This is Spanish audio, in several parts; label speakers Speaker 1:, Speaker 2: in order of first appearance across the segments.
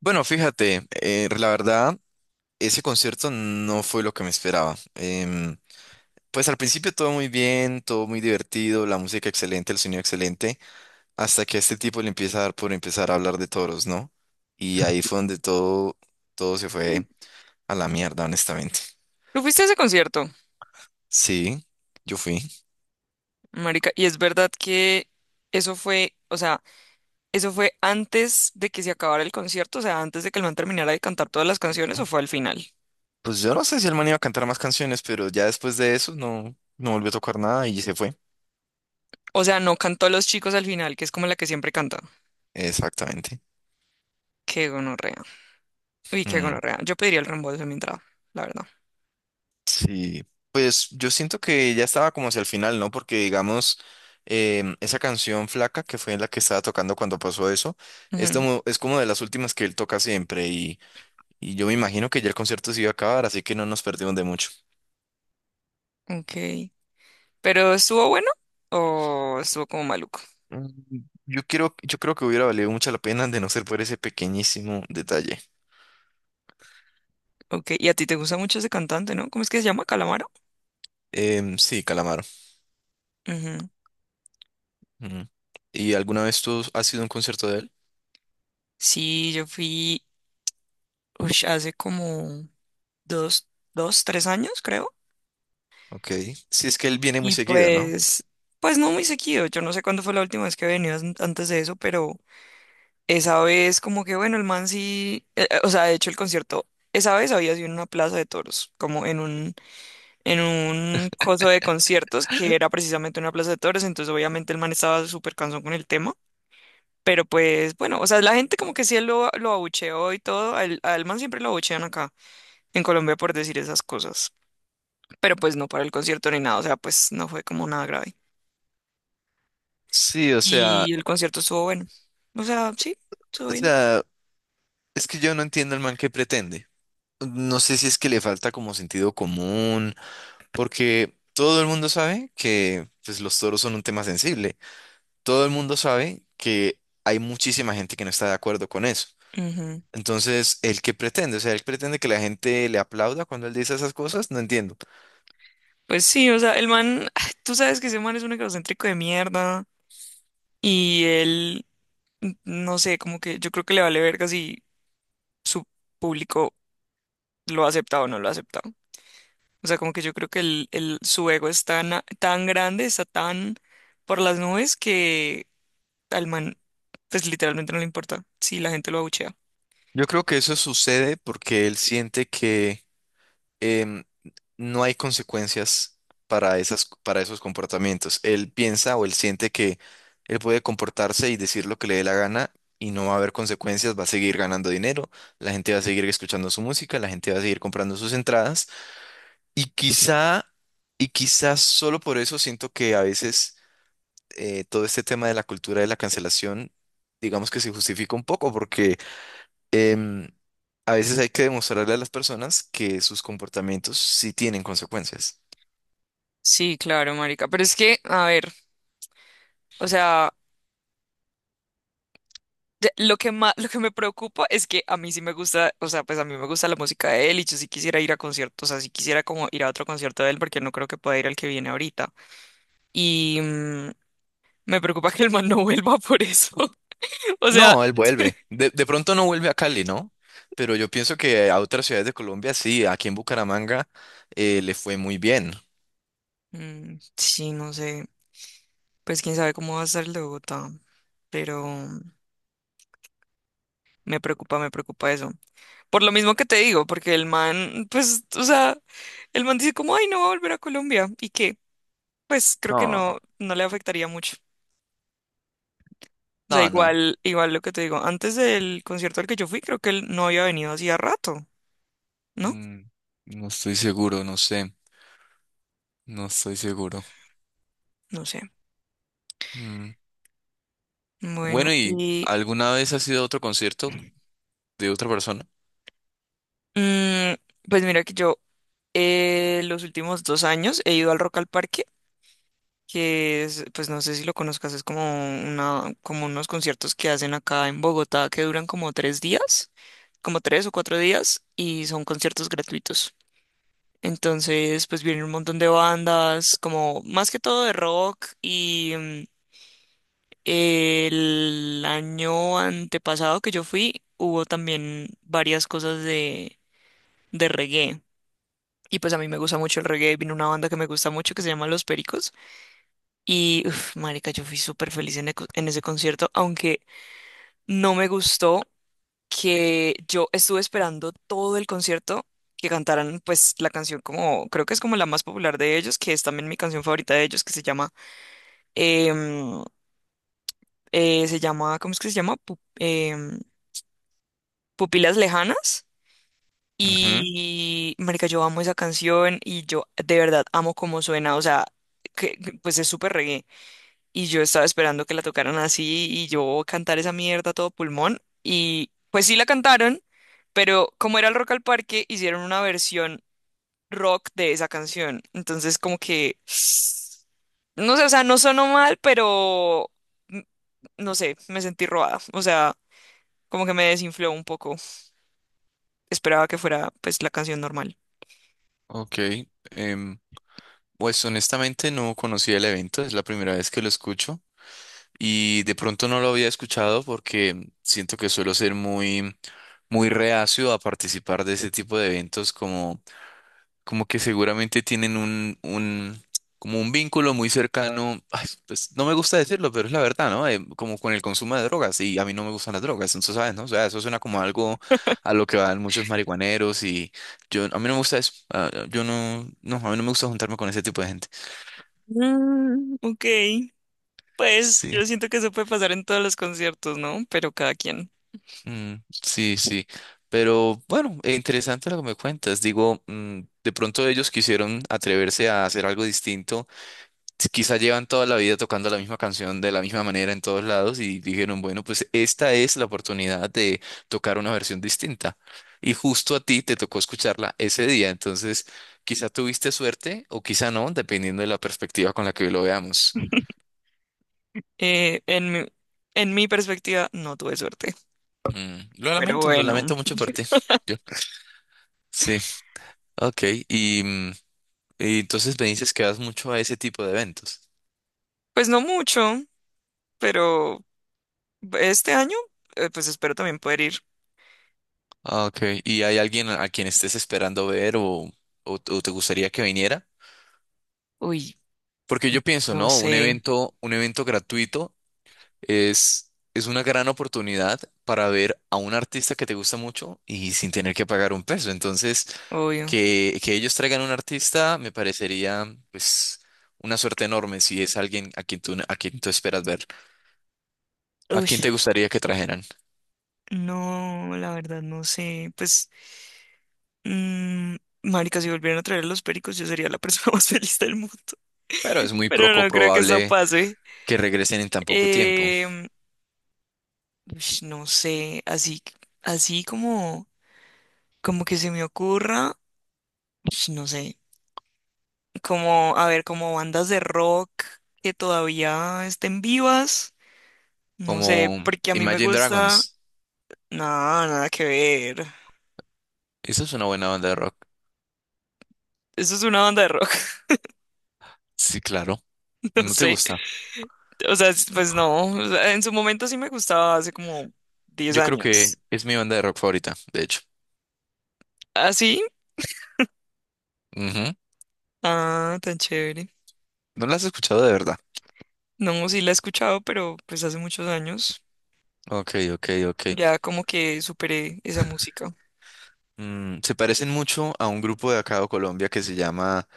Speaker 1: Bueno, fíjate, la verdad, ese concierto no fue lo que me esperaba. Pues al principio todo muy bien, todo muy divertido, la música excelente, el sonido excelente, hasta que a este tipo le empieza a dar por empezar a hablar de toros, ¿no? Y ahí fue donde todo se fue a la mierda, honestamente.
Speaker 2: Tú fuiste a ese concierto,
Speaker 1: Sí, yo fui.
Speaker 2: marica, y es verdad que eso fue, o sea, eso fue antes de que se acabara el concierto, o sea, antes de que el man terminara de cantar todas las canciones, o fue al final.
Speaker 1: Pues yo no sé si el man iba a cantar más canciones, pero ya después de eso no volvió a tocar nada y se fue.
Speaker 2: O sea, no cantó Los Chicos al final, que es como la que siempre canta.
Speaker 1: Exactamente.
Speaker 2: Qué gonorrea. Uy, qué
Speaker 1: Mm.
Speaker 2: gonorrea. Yo pediría el reembolso de mi entrada, la verdad.
Speaker 1: Sí, pues yo siento que ya estaba como hacia el final, ¿no? Porque digamos, esa canción Flaca, que fue la que estaba tocando cuando pasó eso,
Speaker 2: Ujú.
Speaker 1: es como de las últimas que él toca siempre, y yo me imagino que ya el concierto se iba a acabar, así que no nos perdimos de mucho.
Speaker 2: Ok. ¿Pero estuvo bueno o estuvo como maluco?
Speaker 1: Mm, yo quiero, yo creo que hubiera valido mucho la pena de no ser por ese pequeñísimo detalle.
Speaker 2: Ok. Y a ti te gusta mucho ese cantante, ¿no? ¿Cómo es que se llama? ¿Calamaro?
Speaker 1: Sí, Calamaro.
Speaker 2: Ujú.
Speaker 1: Ujú. ¿Y alguna vez tú has sido a un concierto de él?
Speaker 2: Sí, yo fui, hace como 2, 2, 3 años, creo.
Speaker 1: Ok. Sí, es que él viene muy
Speaker 2: Y
Speaker 1: seguido, ¿no?
Speaker 2: pues no muy seguido. Yo no sé cuándo fue la última vez que he venido antes de eso, pero esa vez como que, bueno, el man sí, o sea, de hecho el concierto, esa vez había sido en una plaza de toros, como en un, coso de conciertos que era precisamente una plaza de toros, entonces obviamente el man estaba súper cansón con el tema. Pero pues bueno, o sea, la gente como que sí lo abucheó y todo. Al man siempre lo abuchean acá en Colombia por decir esas cosas, pero pues no para el concierto ni nada, o sea, pues no fue como nada grave.
Speaker 1: Sí,
Speaker 2: Y el concierto estuvo bueno. O sea, sí, estuvo
Speaker 1: o
Speaker 2: bien.
Speaker 1: sea, es que yo no entiendo el man que pretende. No sé si es que le falta como sentido común, porque todo el mundo sabe que pues, los toros son un tema sensible. Todo el mundo sabe que hay muchísima gente que no está de acuerdo con eso.
Speaker 2: Ujú.
Speaker 1: Entonces, ¿el que pretende? O sea, ¿él pretende que la gente le aplauda cuando él dice esas cosas? No entiendo.
Speaker 2: Pues sí, o sea, el man, tú sabes que ese man es un egocéntrico de mierda y él, no sé, como que yo creo que le vale verga si su público lo ha aceptado o no lo ha aceptado. O sea, como que yo creo que su ego es tan, tan grande, está tan por las nubes que al man, pues literalmente no le importa si la gente lo abuchea.
Speaker 1: Yo creo que eso sucede porque él siente que em, no hay consecuencias para para esos comportamientos. Él piensa o él siente que él puede comportarse y decir lo que le dé la gana y no va a haber consecuencias, va a seguir ganando dinero, la gente va a seguir escuchando su música, la gente va a seguir comprando sus entradas y quizá, y quizás solo por eso siento que a veces todo este tema de la cultura de la cancelación, digamos que se justifica un poco porque... em, A veces hay que demostrarle a las personas que sus comportamientos sí tienen consecuencias.
Speaker 2: Sí, claro, marica. Pero es que, a ver. O sea, lo que me preocupa es que a mí sí me gusta, o sea, pues a mí me gusta la música de él y yo sí quisiera ir a conciertos, o sea, sí quisiera como ir a otro concierto de él porque no creo que pueda ir al que viene ahorita. Y me preocupa que el man no vuelva por eso. O sea,
Speaker 1: No, él vuelve. De pronto no vuelve a Cali, ¿no? Pero yo pienso que a otras ciudades de Colombia sí, aquí en Bucaramanga le fue muy bien.
Speaker 2: sí, no sé, pues quién sabe cómo va a ser el de Bogotá, pero me preocupa eso. Por lo mismo que te digo, porque el man, pues, o sea, el man dice como, ay, no va a volver a Colombia y que, pues creo que
Speaker 1: No,
Speaker 2: no, no le afectaría mucho. O sea,
Speaker 1: No.
Speaker 2: igual, igual lo que te digo, antes del concierto al que yo fui, creo que él no había venido hacía rato, ¿no?
Speaker 1: Mm, no estoy seguro, no sé. No estoy seguro.
Speaker 2: No sé.
Speaker 1: Mm.
Speaker 2: Bueno,
Speaker 1: Bueno, ¿y
Speaker 2: y
Speaker 1: alguna vez has ido a otro concierto de otra persona?
Speaker 2: mm, pues mira que yo los últimos 2 años he ido al Rock al Parque, que es, pues no sé si lo conozcas, es como como unos conciertos que hacen acá en Bogotá que duran como 3 días, como 3 o 4 días, y son conciertos gratuitos. Entonces, pues vienen un montón de bandas, como más que todo de rock y el año antepasado que yo fui, hubo también varias cosas de, reggae. Y pues a mí me gusta mucho el reggae. Vino una banda que me gusta mucho que se llama Los Pericos. Y, uff, marica, yo fui súper feliz en ese concierto, aunque no me gustó que yo estuve esperando todo el concierto que cantaran, pues, la canción como, creo que es como la más popular de ellos, que es también mi canción favorita de ellos, que se llama, em, ¿cómo es que se llama? Pupilas Lejanas.
Speaker 1: Ujú.
Speaker 2: Y, marica, yo amo esa canción y yo de verdad amo cómo suena, o sea, que, pues es súper reggae. Y yo estaba esperando que la tocaran así y yo cantar esa mierda a todo pulmón. Y pues sí la cantaron, pero como era el Rock al Parque, hicieron una versión rock de esa canción. Entonces como que, no sé, o sea, no sonó mal, pero, mm, no sé, me sentí robada. O sea, como que me desinfló un poco. Esperaba que fuera pues la canción normal.
Speaker 1: Ok. Em, pues honestamente no conocía el evento, es la primera vez que lo escucho. Y de pronto no lo había escuchado porque siento que suelo ser muy reacio a participar de ese tipo de eventos como, como que seguramente tienen un, como un vínculo muy cercano, ay, pues no me gusta decirlo, pero es la verdad, ¿no? Como con el consumo de drogas y a mí no me gustan las drogas, entonces, ¿sabes? ¿No? O sea, eso suena como algo a lo que van muchos marihuaneros y yo, a mí no me gusta eso. Ah, yo no, a mí no me gusta juntarme con ese tipo de gente.
Speaker 2: Mm, ok, pues
Speaker 1: Sí.
Speaker 2: yo siento que eso puede pasar en todos los conciertos, ¿no? Pero cada quien.
Speaker 1: Mm, sí, sí. Pero bueno, interesante lo que me cuentas. Digo, mm, de pronto ellos quisieron atreverse a hacer algo distinto. Si quizá llevan toda la vida tocando la misma canción de la misma manera en todos lados y dijeron, bueno, pues esta es la oportunidad de tocar una versión distinta. Y justo a ti te tocó escucharla ese día. Entonces, quizá tuviste suerte o quizá no, dependiendo de la perspectiva con la que lo veamos.
Speaker 2: Eh, en mi, en mi perspectiva, no tuve suerte.
Speaker 1: Mm,
Speaker 2: Pero
Speaker 1: lo
Speaker 2: bueno,
Speaker 1: lamento mucho por ti. Yo- Sí, ok. Y... mm, y entonces me dices que vas mucho a ese tipo de eventos.
Speaker 2: pues no mucho, pero este año, pues espero también poder ir.
Speaker 1: Ah, ok, ¿y hay alguien a quien estés esperando ver o te gustaría que viniera?
Speaker 2: Uy,
Speaker 1: Porque yo pienso,
Speaker 2: no
Speaker 1: ¿no?
Speaker 2: sé,
Speaker 1: Un evento gratuito es una gran oportunidad para ver a un artista que te gusta mucho y sin tener que pagar un peso. Entonces,
Speaker 2: obvio.
Speaker 1: que ellos traigan un artista me parecería, pues, una suerte enorme si es alguien a quien a quien tú esperas ver. ¿A
Speaker 2: Uy,
Speaker 1: quién te gustaría que trajeran?
Speaker 2: no, la verdad no sé. Pues, mm, marica, si volvieran a traer a los pericos, yo sería la persona más feliz del mundo.
Speaker 1: Pero es muy
Speaker 2: Pero
Speaker 1: poco
Speaker 2: no creo que eso
Speaker 1: probable
Speaker 2: pase.
Speaker 1: que regresen en tan poco tiempo,
Speaker 2: Em, no sé, así como que se me ocurra, no sé, como, a ver, como bandas de rock que todavía estén vivas, no sé,
Speaker 1: como
Speaker 2: porque a mí me
Speaker 1: Imagine
Speaker 2: gusta,
Speaker 1: Dragons.
Speaker 2: nada, nada que ver.
Speaker 1: Esa es una buena banda de rock.
Speaker 2: Eso es una banda de rock.
Speaker 1: Sí, claro.
Speaker 2: No
Speaker 1: ¿No te
Speaker 2: sé,
Speaker 1: gusta?
Speaker 2: o sea, pues no, o sea, en su momento sí me gustaba hace como 10
Speaker 1: Yo creo que
Speaker 2: años.
Speaker 1: es mi banda de rock favorita, de hecho.
Speaker 2: ¿Ah, sí?
Speaker 1: Ujú.
Speaker 2: Ah, tan chévere.
Speaker 1: ¿No la has escuchado de verdad?
Speaker 2: No, sí la he escuchado, pero pues hace muchos años
Speaker 1: Ok, ok, ok.
Speaker 2: ya como que superé esa música.
Speaker 1: Mm, se parecen mucho a un grupo de acá de Colombia que se llama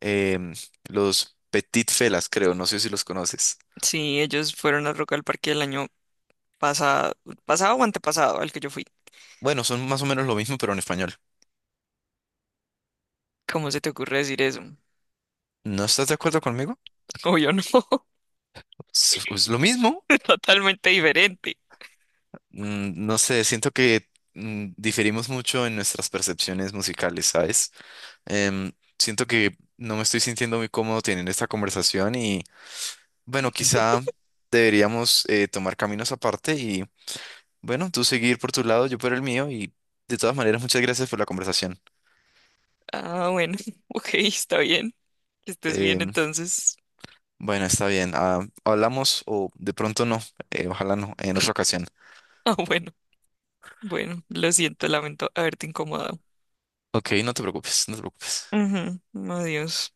Speaker 1: em, los Petit Felas, creo. No sé si los conoces.
Speaker 2: Sí, ellos fueron al Rock al Parque el año pasado, pasado o antepasado al que yo fui.
Speaker 1: Bueno, son más o menos lo mismo, pero en español.
Speaker 2: ¿Cómo se te ocurre decir eso?
Speaker 1: ¿No estás de acuerdo conmigo?
Speaker 2: Obvio no,
Speaker 1: Es lo mismo.
Speaker 2: es totalmente diferente.
Speaker 1: Mm, no sé, siento que mm, diferimos mucho en nuestras percepciones musicales, ¿sabes? Em, Siento que no me estoy sintiendo muy cómodo teniendo esta conversación y bueno, quizá deberíamos tomar caminos aparte y bueno, tú seguir por tu lado, yo por el mío y de todas maneras muchas gracias por la conversación.
Speaker 2: Ah, bueno, ok, está bien. Que estés bien
Speaker 1: Em,
Speaker 2: entonces.
Speaker 1: bueno, está bien, ah, hablamos o de pronto no, ojalá no, en otra ocasión.
Speaker 2: Ah, bueno, bueno, lo siento, lamento haberte incomodado.
Speaker 1: Ok, no te preocupes.
Speaker 2: Ujú. Adiós.